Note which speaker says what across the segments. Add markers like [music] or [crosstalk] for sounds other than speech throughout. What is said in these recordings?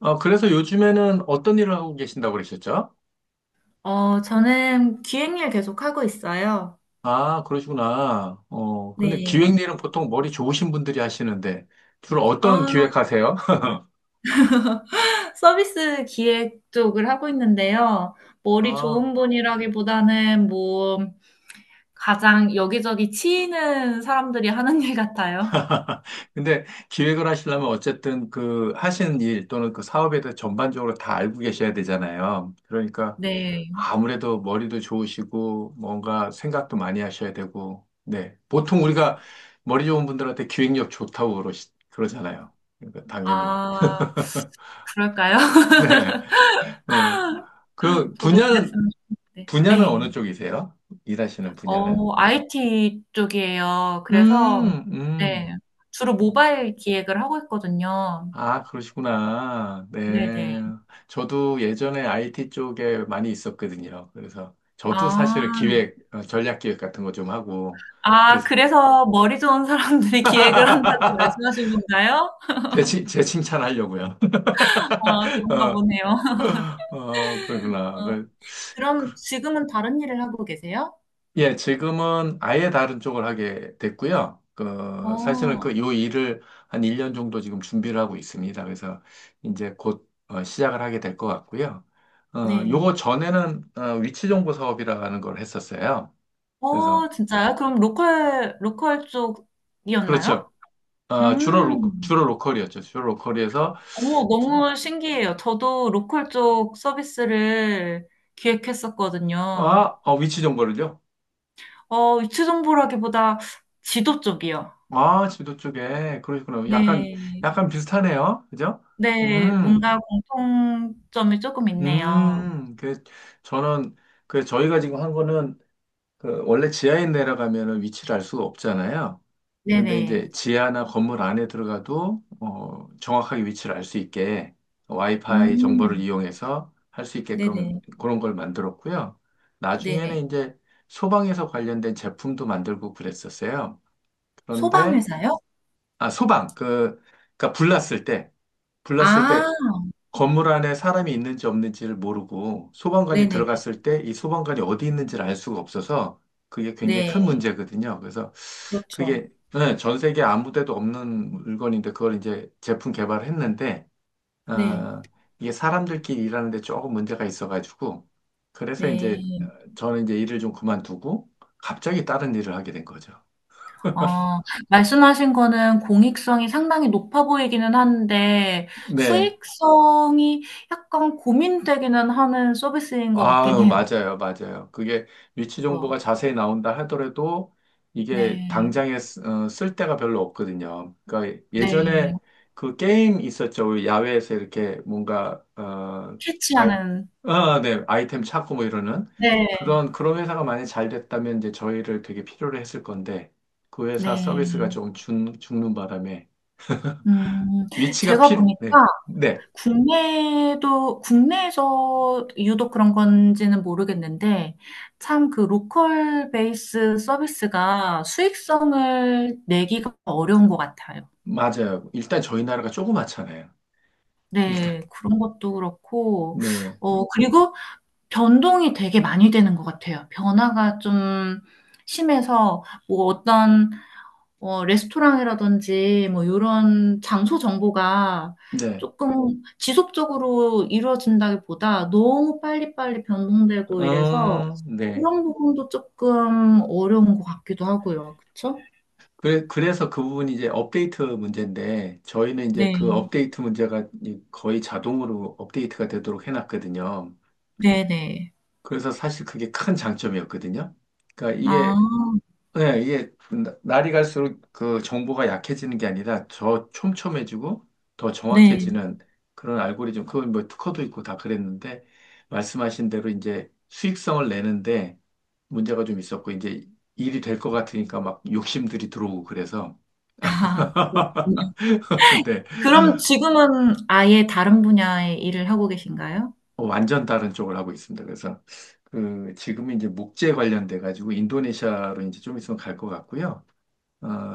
Speaker 1: 아, 그래서 요즘에는 어떤 일을 하고 계신다고 그러셨죠?
Speaker 2: 저는 기획일 계속 하고 있어요.
Speaker 1: 아, 그러시구나. 근데
Speaker 2: 네.
Speaker 1: 기획 일은 보통 머리 좋으신 분들이 하시는데, 주로 어떤
Speaker 2: 아,
Speaker 1: 기획하세요? [laughs]
Speaker 2: 서비스 기획 쪽을 하고 있는데요. 머리
Speaker 1: 아,
Speaker 2: 좋은 분이라기보다는 가장 여기저기 치이는 사람들이 하는 일 같아요.
Speaker 1: 근데 기획을 하시려면 어쨌든 그 하시는 일 또는 그 사업에 대해 전반적으로 다 알고 계셔야 되잖아요. 그러니까
Speaker 2: 네.
Speaker 1: 아무래도 머리도 좋으시고, 뭔가 생각도 많이 하셔야 되고, 네. 보통 우리가 머리 좋은 분들한테 기획력 좋다고 그러잖아요. 그러니까 당연히.
Speaker 2: 아, 그럴까요?
Speaker 1: [laughs]
Speaker 2: [laughs]
Speaker 1: 네. 어. 그
Speaker 2: 저도
Speaker 1: 분야는
Speaker 2: 그랬으면 좋겠는데.
Speaker 1: 분야는
Speaker 2: 네.
Speaker 1: 어느 쪽이세요? 일하시는 분야는?
Speaker 2: 어, IT 쪽이에요. 그래서,
Speaker 1: 음, 음.
Speaker 2: 네. 주로 모바일 기획을 하고 있거든요.
Speaker 1: 아, 그러시구나. 네.
Speaker 2: 네네.
Speaker 1: 저도 예전에 IT 쪽에 많이 있었거든요. 그래서 저도
Speaker 2: 아.
Speaker 1: 사실 기획, 전략 기획 같은 거 좀 하고
Speaker 2: 아
Speaker 1: 그래서
Speaker 2: 그래서 머리 좋은 사람들이 [laughs] 기획을 한다고
Speaker 1: [laughs]
Speaker 2: 말씀하신 건가요?
Speaker 1: 제, 제 칭찬하려고요.
Speaker 2: 아
Speaker 1: [laughs]
Speaker 2: 그런가
Speaker 1: 어,
Speaker 2: 보네요.
Speaker 1: 어, 그러구나.
Speaker 2: 어
Speaker 1: 그,
Speaker 2: 그럼 지금은 다른 일을 하고 계세요?
Speaker 1: 예, 지금은 아예 다른 쪽을 하게 됐고요. 그, 사실은
Speaker 2: 어
Speaker 1: 그, 요 일을 한 1년 정도 지금 준비를 하고 있습니다. 그래서 이제 곧 시작을 하게 될 것 같고요. 어,
Speaker 2: 네.
Speaker 1: 요거 전에는 어, 위치정보 사업이라는 걸 했었어요. 그래서,
Speaker 2: 어 진짜요? 그럼 로컬
Speaker 1: 그렇죠.
Speaker 2: 쪽이었나요?
Speaker 1: 어,
Speaker 2: 음.
Speaker 1: 주로 로컬이었죠. 주로 로컬에서,
Speaker 2: 오,
Speaker 1: 저-
Speaker 2: 너무 신기해요. 저도 로컬 쪽 서비스를 기획했었거든요.
Speaker 1: 아, 어, 위치정보를요?
Speaker 2: 어 위치 정보라기보다 지도 쪽이요.
Speaker 1: 아, 지도 쪽에. 그러시구나. 약간,
Speaker 2: 네.
Speaker 1: 약간 비슷하네요. 그죠?
Speaker 2: 네.
Speaker 1: 음.
Speaker 2: 뭔가 공통점이 조금 있네요.
Speaker 1: 그, 저는, 그, 저희가 지금 한 거는, 그, 원래 지하에 내려가면은 위치를 알 수가 없잖아요. 근데 이제
Speaker 2: 네네.
Speaker 1: 지하나 건물 안에 들어가도, 어, 정확하게 위치를 알 수 있게 와이파이 정보를
Speaker 2: 음.
Speaker 1: 이용해서 할 수 있게끔
Speaker 2: 네네.
Speaker 1: 그런 걸 만들었고요.
Speaker 2: 네네.
Speaker 1: 나중에는 이제 소방에서 관련된 제품도 만들고 그랬었어요. 그런데,
Speaker 2: 소방회사요?
Speaker 1: 아, 소방, 그, 그니까 불났을
Speaker 2: 아.
Speaker 1: 때 건물 안에 사람이 있는지 없는지를 모르고 소방관이
Speaker 2: 네네네.
Speaker 1: 들어갔을 때 이 소방관이 어디 있는지를 알 수가 없어서 그게 굉장히
Speaker 2: 네.
Speaker 1: 큰 문제거든요. 그래서
Speaker 2: 그렇죠.
Speaker 1: 그게 네, 전 세계 아무 데도 없는 물건인데 그걸 이제 제품 개발했는데
Speaker 2: 네.
Speaker 1: 어, 이게 사람들끼리 일하는 데 조금 문제가 있어가지고 그래서 이제
Speaker 2: 네.
Speaker 1: 저는 이제 일을 좀 그만두고 갑자기 다른 일을 하게 된 거죠.
Speaker 2: 어 말씀하신 거는 공익성이 상당히 높아 보이기는 한데
Speaker 1: 네.
Speaker 2: 수익성이 약간 고민되기는 하는 서비스인 것 같긴
Speaker 1: 아유,
Speaker 2: 해요.
Speaker 1: 맞아요, 맞아요. 그게 위치
Speaker 2: 그래서
Speaker 1: 정보가 자세히 나온다 하더라도 이게
Speaker 2: 네.
Speaker 1: 당장에 쓸 데가 별로 없거든요. 그러니까
Speaker 2: 네.
Speaker 1: 예전에 그 게임 있었죠. 우리 야외에서 이렇게 뭔가, 어, 아이,
Speaker 2: 캐치하는
Speaker 1: 어, 네, 아이템 찾고 뭐 이러는
Speaker 2: 네.
Speaker 1: 그런 회사가 많이 잘 됐다면 이제 저희를 되게 필요로 했을 건데 그 회사 서비스가
Speaker 2: 네.
Speaker 1: 죽는 바람에
Speaker 2: 음.
Speaker 1: 위치가
Speaker 2: 제가
Speaker 1: 필,
Speaker 2: 보니까
Speaker 1: 네, 네,
Speaker 2: 국내도, 국내에서 유독 그런 건지는 모르겠는데, 참 그 로컬 베이스 서비스가 수익성을 내기가 어려운 것 같아요.
Speaker 1: 맞아요. 일단 저희 나라가 조그맣잖아요. 일단,
Speaker 2: 네, 그런 것도 그렇고,
Speaker 1: 네,
Speaker 2: 어, 그리고 변동이 되게 많이 되는 것 같아요. 변화가 좀 심해서, 뭐 어떤 어, 레스토랑이라든지 뭐 이런 장소 정보가
Speaker 1: 네.
Speaker 2: 조금 지속적으로 이루어진다기보다 너무 빨리빨리 변동되고 이래서
Speaker 1: 어, 네.
Speaker 2: 그런 부분도 조금 어려운 것 같기도 하고요. 그쵸?
Speaker 1: 그래, 그래서 그 부분이 이제 업데이트 문제인데, 저희는 이제
Speaker 2: 네,
Speaker 1: 그 업데이트 문제가 거의 자동으로 업데이트가 되도록 해놨거든요.
Speaker 2: 네네.
Speaker 1: 그래서 사실 그게 큰 장점이었거든요. 그러니까
Speaker 2: 아,
Speaker 1: 이게 네, 이게 날이 갈수록 그 정보가 약해지는 게 아니라 더 촘촘해지고 더
Speaker 2: 네.
Speaker 1: 정확해지는 그런 알고리즘, 그건 뭐 특허도 있고 다 그랬는데 말씀하신 대로 이제 수익성을 내는데 문제가 좀 있었고 이제 일이 될 것 같으니까 막 욕심들이 들어오고 그래서
Speaker 2: 아, 그렇군요.
Speaker 1: [laughs] 근데
Speaker 2: 그럼 지금은 아예 다른 분야의 일을 하고 계신가요?
Speaker 1: 완전 다른 쪽을 하고 있습니다. 그래서 그 지금 이제 목재 관련돼 가지고 인도네시아로 이제 좀 있으면 갈 것 같고요.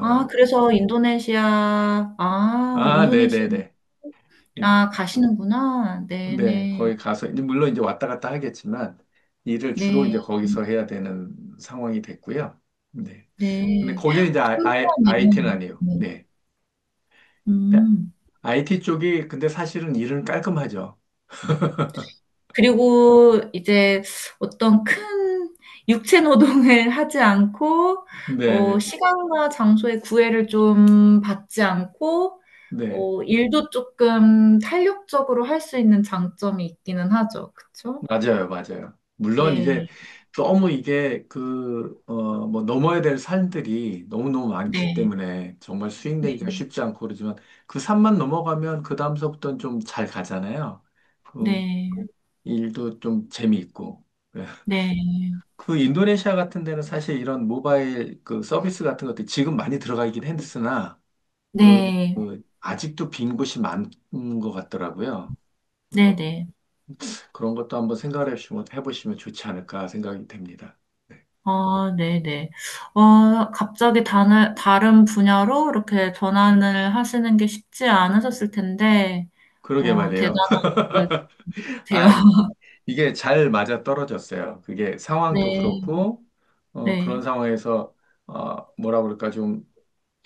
Speaker 2: 아, 그래서 인도네시아, 아,
Speaker 1: 아,
Speaker 2: 인도네시아,
Speaker 1: 네네네.
Speaker 2: 아, 가시는구나.
Speaker 1: 네,
Speaker 2: 네네.
Speaker 1: 거기 가서, 이제 물론 이제 왔다 갔다 하겠지만, 일을 주로
Speaker 2: 네.
Speaker 1: 이제 거기서 해야 되는 상황이 됐고요. 네. 근데
Speaker 2: 네.
Speaker 1: 거기는 이제
Speaker 2: 신기하네요.
Speaker 1: IT는 아니에요.
Speaker 2: 네.
Speaker 1: 네. 네,
Speaker 2: 음.
Speaker 1: IT 쪽이, 근데 사실은 일은 깔끔하죠.
Speaker 2: 그리고 이제 어떤 큰 육체 노동을 [laughs] 하지 않고 어
Speaker 1: 네,
Speaker 2: 시간과 장소의 구애를 좀 받지 않고
Speaker 1: 네.
Speaker 2: 어 일도 조금 탄력적으로 할 수 있는 장점이 있기는 하죠. 그쵸?
Speaker 1: 맞아요, 맞아요. 물론
Speaker 2: 네.
Speaker 1: 이제 너무 이게 그, 어, 뭐 넘어야 될 산들이 너무너무 많기
Speaker 2: 네.
Speaker 1: 때문에 정말 수익
Speaker 2: 네.
Speaker 1: 내기가 쉽지 않고 그러지만 그 산만 넘어가면 그 다음서부터는 좀 잘 가잖아요. 그
Speaker 2: 네.
Speaker 1: 일도 좀 재미있고. 예.
Speaker 2: 네.
Speaker 1: 그 인도네시아 같은 데는 사실 이런 모바일 그 서비스 같은 것들이 지금 많이 들어가 있긴 했으나, 그,
Speaker 2: 네.
Speaker 1: 그 아직도 빈 곳이 많은 것 같더라고요. 그래서
Speaker 2: 네네.
Speaker 1: 그런 것도 한번 생각을 해보시면 좋지 않을까 생각이 됩니다. 네.
Speaker 2: 아, 네네. 어, 갑자기 다른 분야로 이렇게 전환을 하시는 게 쉽지 않으셨을 텐데,
Speaker 1: 그러게
Speaker 2: 어,
Speaker 1: 말이에요.
Speaker 2: 대단한 것 같아요.
Speaker 1: 아,
Speaker 2: [laughs]
Speaker 1: 이게 잘 맞아 떨어졌어요. 그게 상황도
Speaker 2: 네,
Speaker 1: 그렇고, 어, 그런
Speaker 2: 네,
Speaker 1: 상황에서, 어, 뭐라 그럴까, 좀,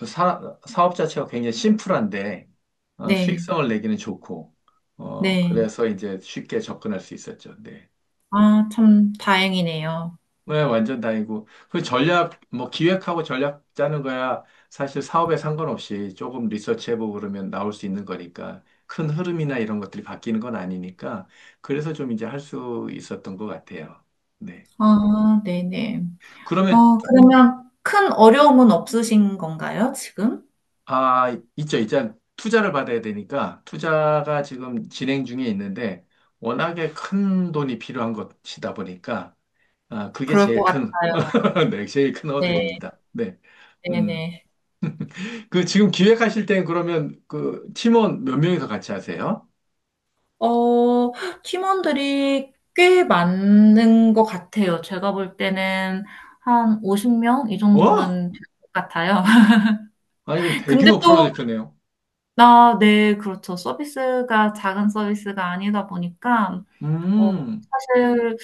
Speaker 1: 사업 자체가 굉장히 심플한데, 어,
Speaker 2: 네,
Speaker 1: 수익성을 내기는 좋고, 어,
Speaker 2: 네.
Speaker 1: 그래서 이제 쉽게 접근할 수 있었죠. 네.
Speaker 2: 아, 참 다행이네요.
Speaker 1: 네, 완전 다이고. 그 전략, 뭐 기획하고 전략 짜는 거야. 사실 사업에 상관없이 조금 리서치해보고 그러면 나올 수 있는 거니까. 큰 흐름이나 이런 것들이 바뀌는 건 아니니까. 그래서 좀 이제 할 수 있었던 것 같아요. 네.
Speaker 2: 아, 네네.
Speaker 1: 그러면,
Speaker 2: 어, 그러면 큰 어려움은 없으신 건가요, 지금?
Speaker 1: 아, 있죠. 이제 투자를 받아야 되니까 투자가 지금 진행 중에 있는데 워낙에 큰 돈이 필요한 것이다 보니까 아, 그게
Speaker 2: 그럴 것
Speaker 1: 제일 큰,
Speaker 2: 같아요.
Speaker 1: [laughs] 네, 제일 큰
Speaker 2: 네,
Speaker 1: 허들입니다. 네. 음.
Speaker 2: 네네.
Speaker 1: 그 지금 기획하실 땐 그러면 그 팀원 몇 명이서 같이 하세요?
Speaker 2: 어, 팀원들이 꽤 많은 것 같아요. 제가 볼 때는 한 50명 이
Speaker 1: 와!
Speaker 2: 정도는 될 것 같아요.
Speaker 1: 아, 이거
Speaker 2: [laughs] 근데
Speaker 1: 대규모
Speaker 2: 또,
Speaker 1: 프로젝트네요.
Speaker 2: 나, 네, 그렇죠. 서비스가 작은 서비스가 아니다 보니까, 어,
Speaker 1: 음,
Speaker 2: 사실,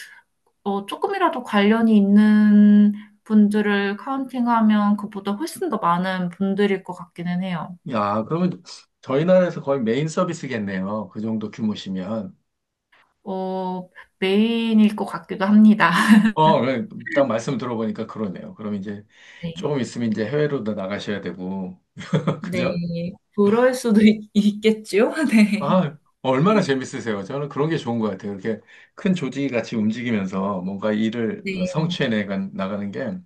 Speaker 2: 어, 조금이라도 관련이 있는 분들을 카운팅하면 그보다 훨씬 더 많은 분들일 것 같기는 해요.
Speaker 1: 야, 그러면 저희 나라에서 거의 메인 서비스겠네요. 그 정도 규모시면.
Speaker 2: 어, 메인일 것 같기도 합니다. [laughs]
Speaker 1: 어, 네, 딱 말씀 들어보니까 그러네요. 그럼 이제
Speaker 2: 네.
Speaker 1: 조금 있으면 이제 해외로도 나가셔야 되고. [laughs]
Speaker 2: 네.
Speaker 1: 그죠?
Speaker 2: 그럴 수도 있겠죠. [laughs] 네.
Speaker 1: 아, 얼마나 재밌으세요. 저는 그런 게 좋은 것 같아요. 이렇게 큰 조직이 같이 움직이면서 뭔가 일을
Speaker 2: 네.
Speaker 1: 성취해 나가는 게.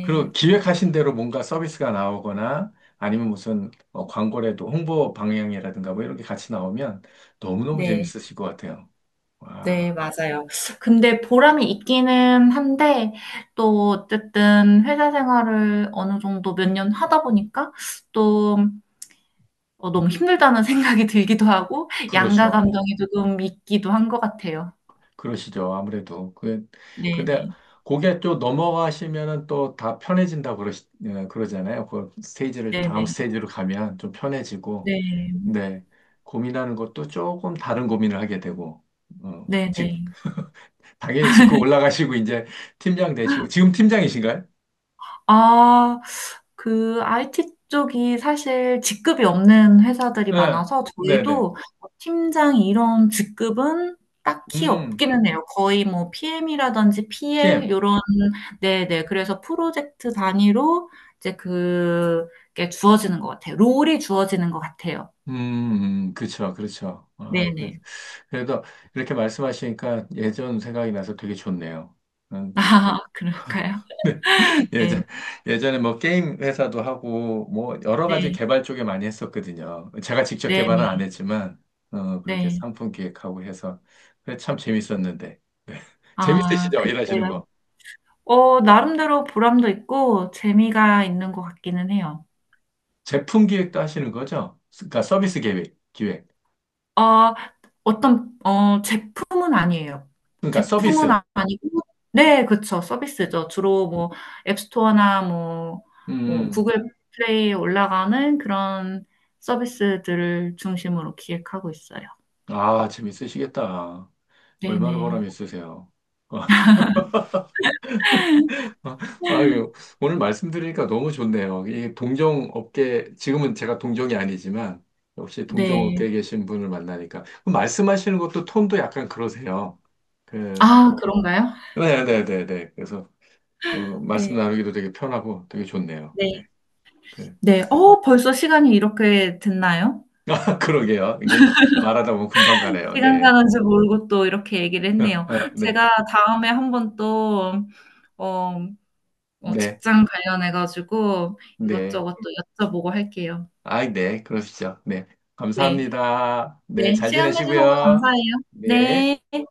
Speaker 1: 그리고 기획하신 대로 뭔가 서비스가 나오거나 아니면 무슨 어, 광고라도 홍보 방향이라든가 뭐 이런 게 같이 나오면 너무너무
Speaker 2: 네.
Speaker 1: 재밌으실 것 같아요. 와,
Speaker 2: 네, 맞아요. 근데 보람이 있기는 한데, 또, 어쨌든, 회사 생활을 어느 정도 몇 년 하다 보니까, 또, 어, 너무 힘들다는 [laughs] 생각이 들기도 하고, 양가
Speaker 1: 그렇죠.
Speaker 2: 감정이 조금 있기도 한 것 같아요.
Speaker 1: 그러시죠. 아무래도. 그, 근데
Speaker 2: 네네.
Speaker 1: 거기에 또 넘어가시면은 또 다 편해진다고 그러잖아요. 그 스테이지를, 다음
Speaker 2: 네네.
Speaker 1: 스테이지로 가면 좀 편해지고,
Speaker 2: 네.
Speaker 1: 네. 고민하는 것도 조금 다른 고민을 하게 되고, 어, 즉,
Speaker 2: 네네.
Speaker 1: 당연히 짚고 올라가시고, 이제 팀장 되시고, 지금 팀장이신가요?
Speaker 2: 아, 그 IT 쪽이 사실 직급이 없는 회사들이
Speaker 1: 예,
Speaker 2: 많아서
Speaker 1: 네네.
Speaker 2: 저희도 뭐 팀장 이런 직급은 딱히
Speaker 1: 음,
Speaker 2: 없기는 해요. 거의 뭐 PM이라든지
Speaker 1: PM.
Speaker 2: PL 요런 네네. 그래서 프로젝트 단위로 이제 그게 주어지는 것 같아요. 롤이 주어지는 것 같아요.
Speaker 1: 그쵸, 그렇죠. 아, 그래서,
Speaker 2: 네네. [laughs]
Speaker 1: 그래도 이렇게 말씀하시니까 예전 생각이 나서 되게 좋네요. 음,
Speaker 2: 아, 그런가요?
Speaker 1: [laughs] 네.
Speaker 2: 네,
Speaker 1: 예전, 예전에 뭐 게임 회사도 하고, 뭐 여러 가지
Speaker 2: 네,
Speaker 1: 개발 쪽에 많이 했었거든요. 제가 직접
Speaker 2: 네, 네.
Speaker 1: 개발은 안 했지만, 어, 그렇게
Speaker 2: 네.
Speaker 1: 상품 기획하고 해서. 그래, 참 재밌었는데.
Speaker 2: 아,
Speaker 1: 재밌으시죠? 일하시는
Speaker 2: 그때
Speaker 1: 거.
Speaker 2: 어, 나름대로 보람도 있고 재미가 있는 것 같기는 해요.
Speaker 1: 제품 기획도 하시는 거죠? 그러니까 서비스 기획, 기획.
Speaker 2: 어, 제품은 아니에요.
Speaker 1: 그러니까
Speaker 2: 제품은
Speaker 1: 서비스.
Speaker 2: 아니고, 네, 그쵸. 서비스죠. 주로 뭐, 앱스토어나 뭐, 뭐,
Speaker 1: 음.
Speaker 2: 구글 플레이에 올라가는 그런 서비스들을 중심으로 기획하고 있어요.
Speaker 1: 아, 재밌으시겠다. 얼마나 보람
Speaker 2: 네네.
Speaker 1: 있으세요? [laughs] 아유, 오늘 말씀드리니까 너무 좋네요. 이 동종업계, 지금은 제가 동종이 아니지만, 역시
Speaker 2: 네.
Speaker 1: 동종업계에 계신 분을 만나니까. 그럼 말씀하시는 것도 톤도 약간 그러세요. 그,
Speaker 2: 아, 그런가요?
Speaker 1: 네네네네. 그래서, 어, 말씀
Speaker 2: 네.
Speaker 1: 나누기도 되게 편하고 되게 좋네요.
Speaker 2: 네.
Speaker 1: 네. 그,
Speaker 2: 네. 어, 벌써 시간이 이렇게 됐나요?
Speaker 1: [laughs] 아, 그러게요. 이게 말하다 보면 금방 가네요.
Speaker 2: 시간
Speaker 1: 네.
Speaker 2: 가는 줄 모르고 또 이렇게 얘기를
Speaker 1: [laughs]
Speaker 2: 했네요.
Speaker 1: 아, 네.
Speaker 2: 제가 다음에 한번 또, 어, 어,
Speaker 1: 네.
Speaker 2: 직장 관련해가지고
Speaker 1: 네.
Speaker 2: 이것저것 또 여쭤보고 할게요.
Speaker 1: 아, 네, 그러시죠. 네,
Speaker 2: 네.
Speaker 1: 감사합니다. 네,
Speaker 2: 네.
Speaker 1: 잘
Speaker 2: 시간 내주셔서
Speaker 1: 지내시고요.
Speaker 2: 감사해요.
Speaker 1: 네.
Speaker 2: 네.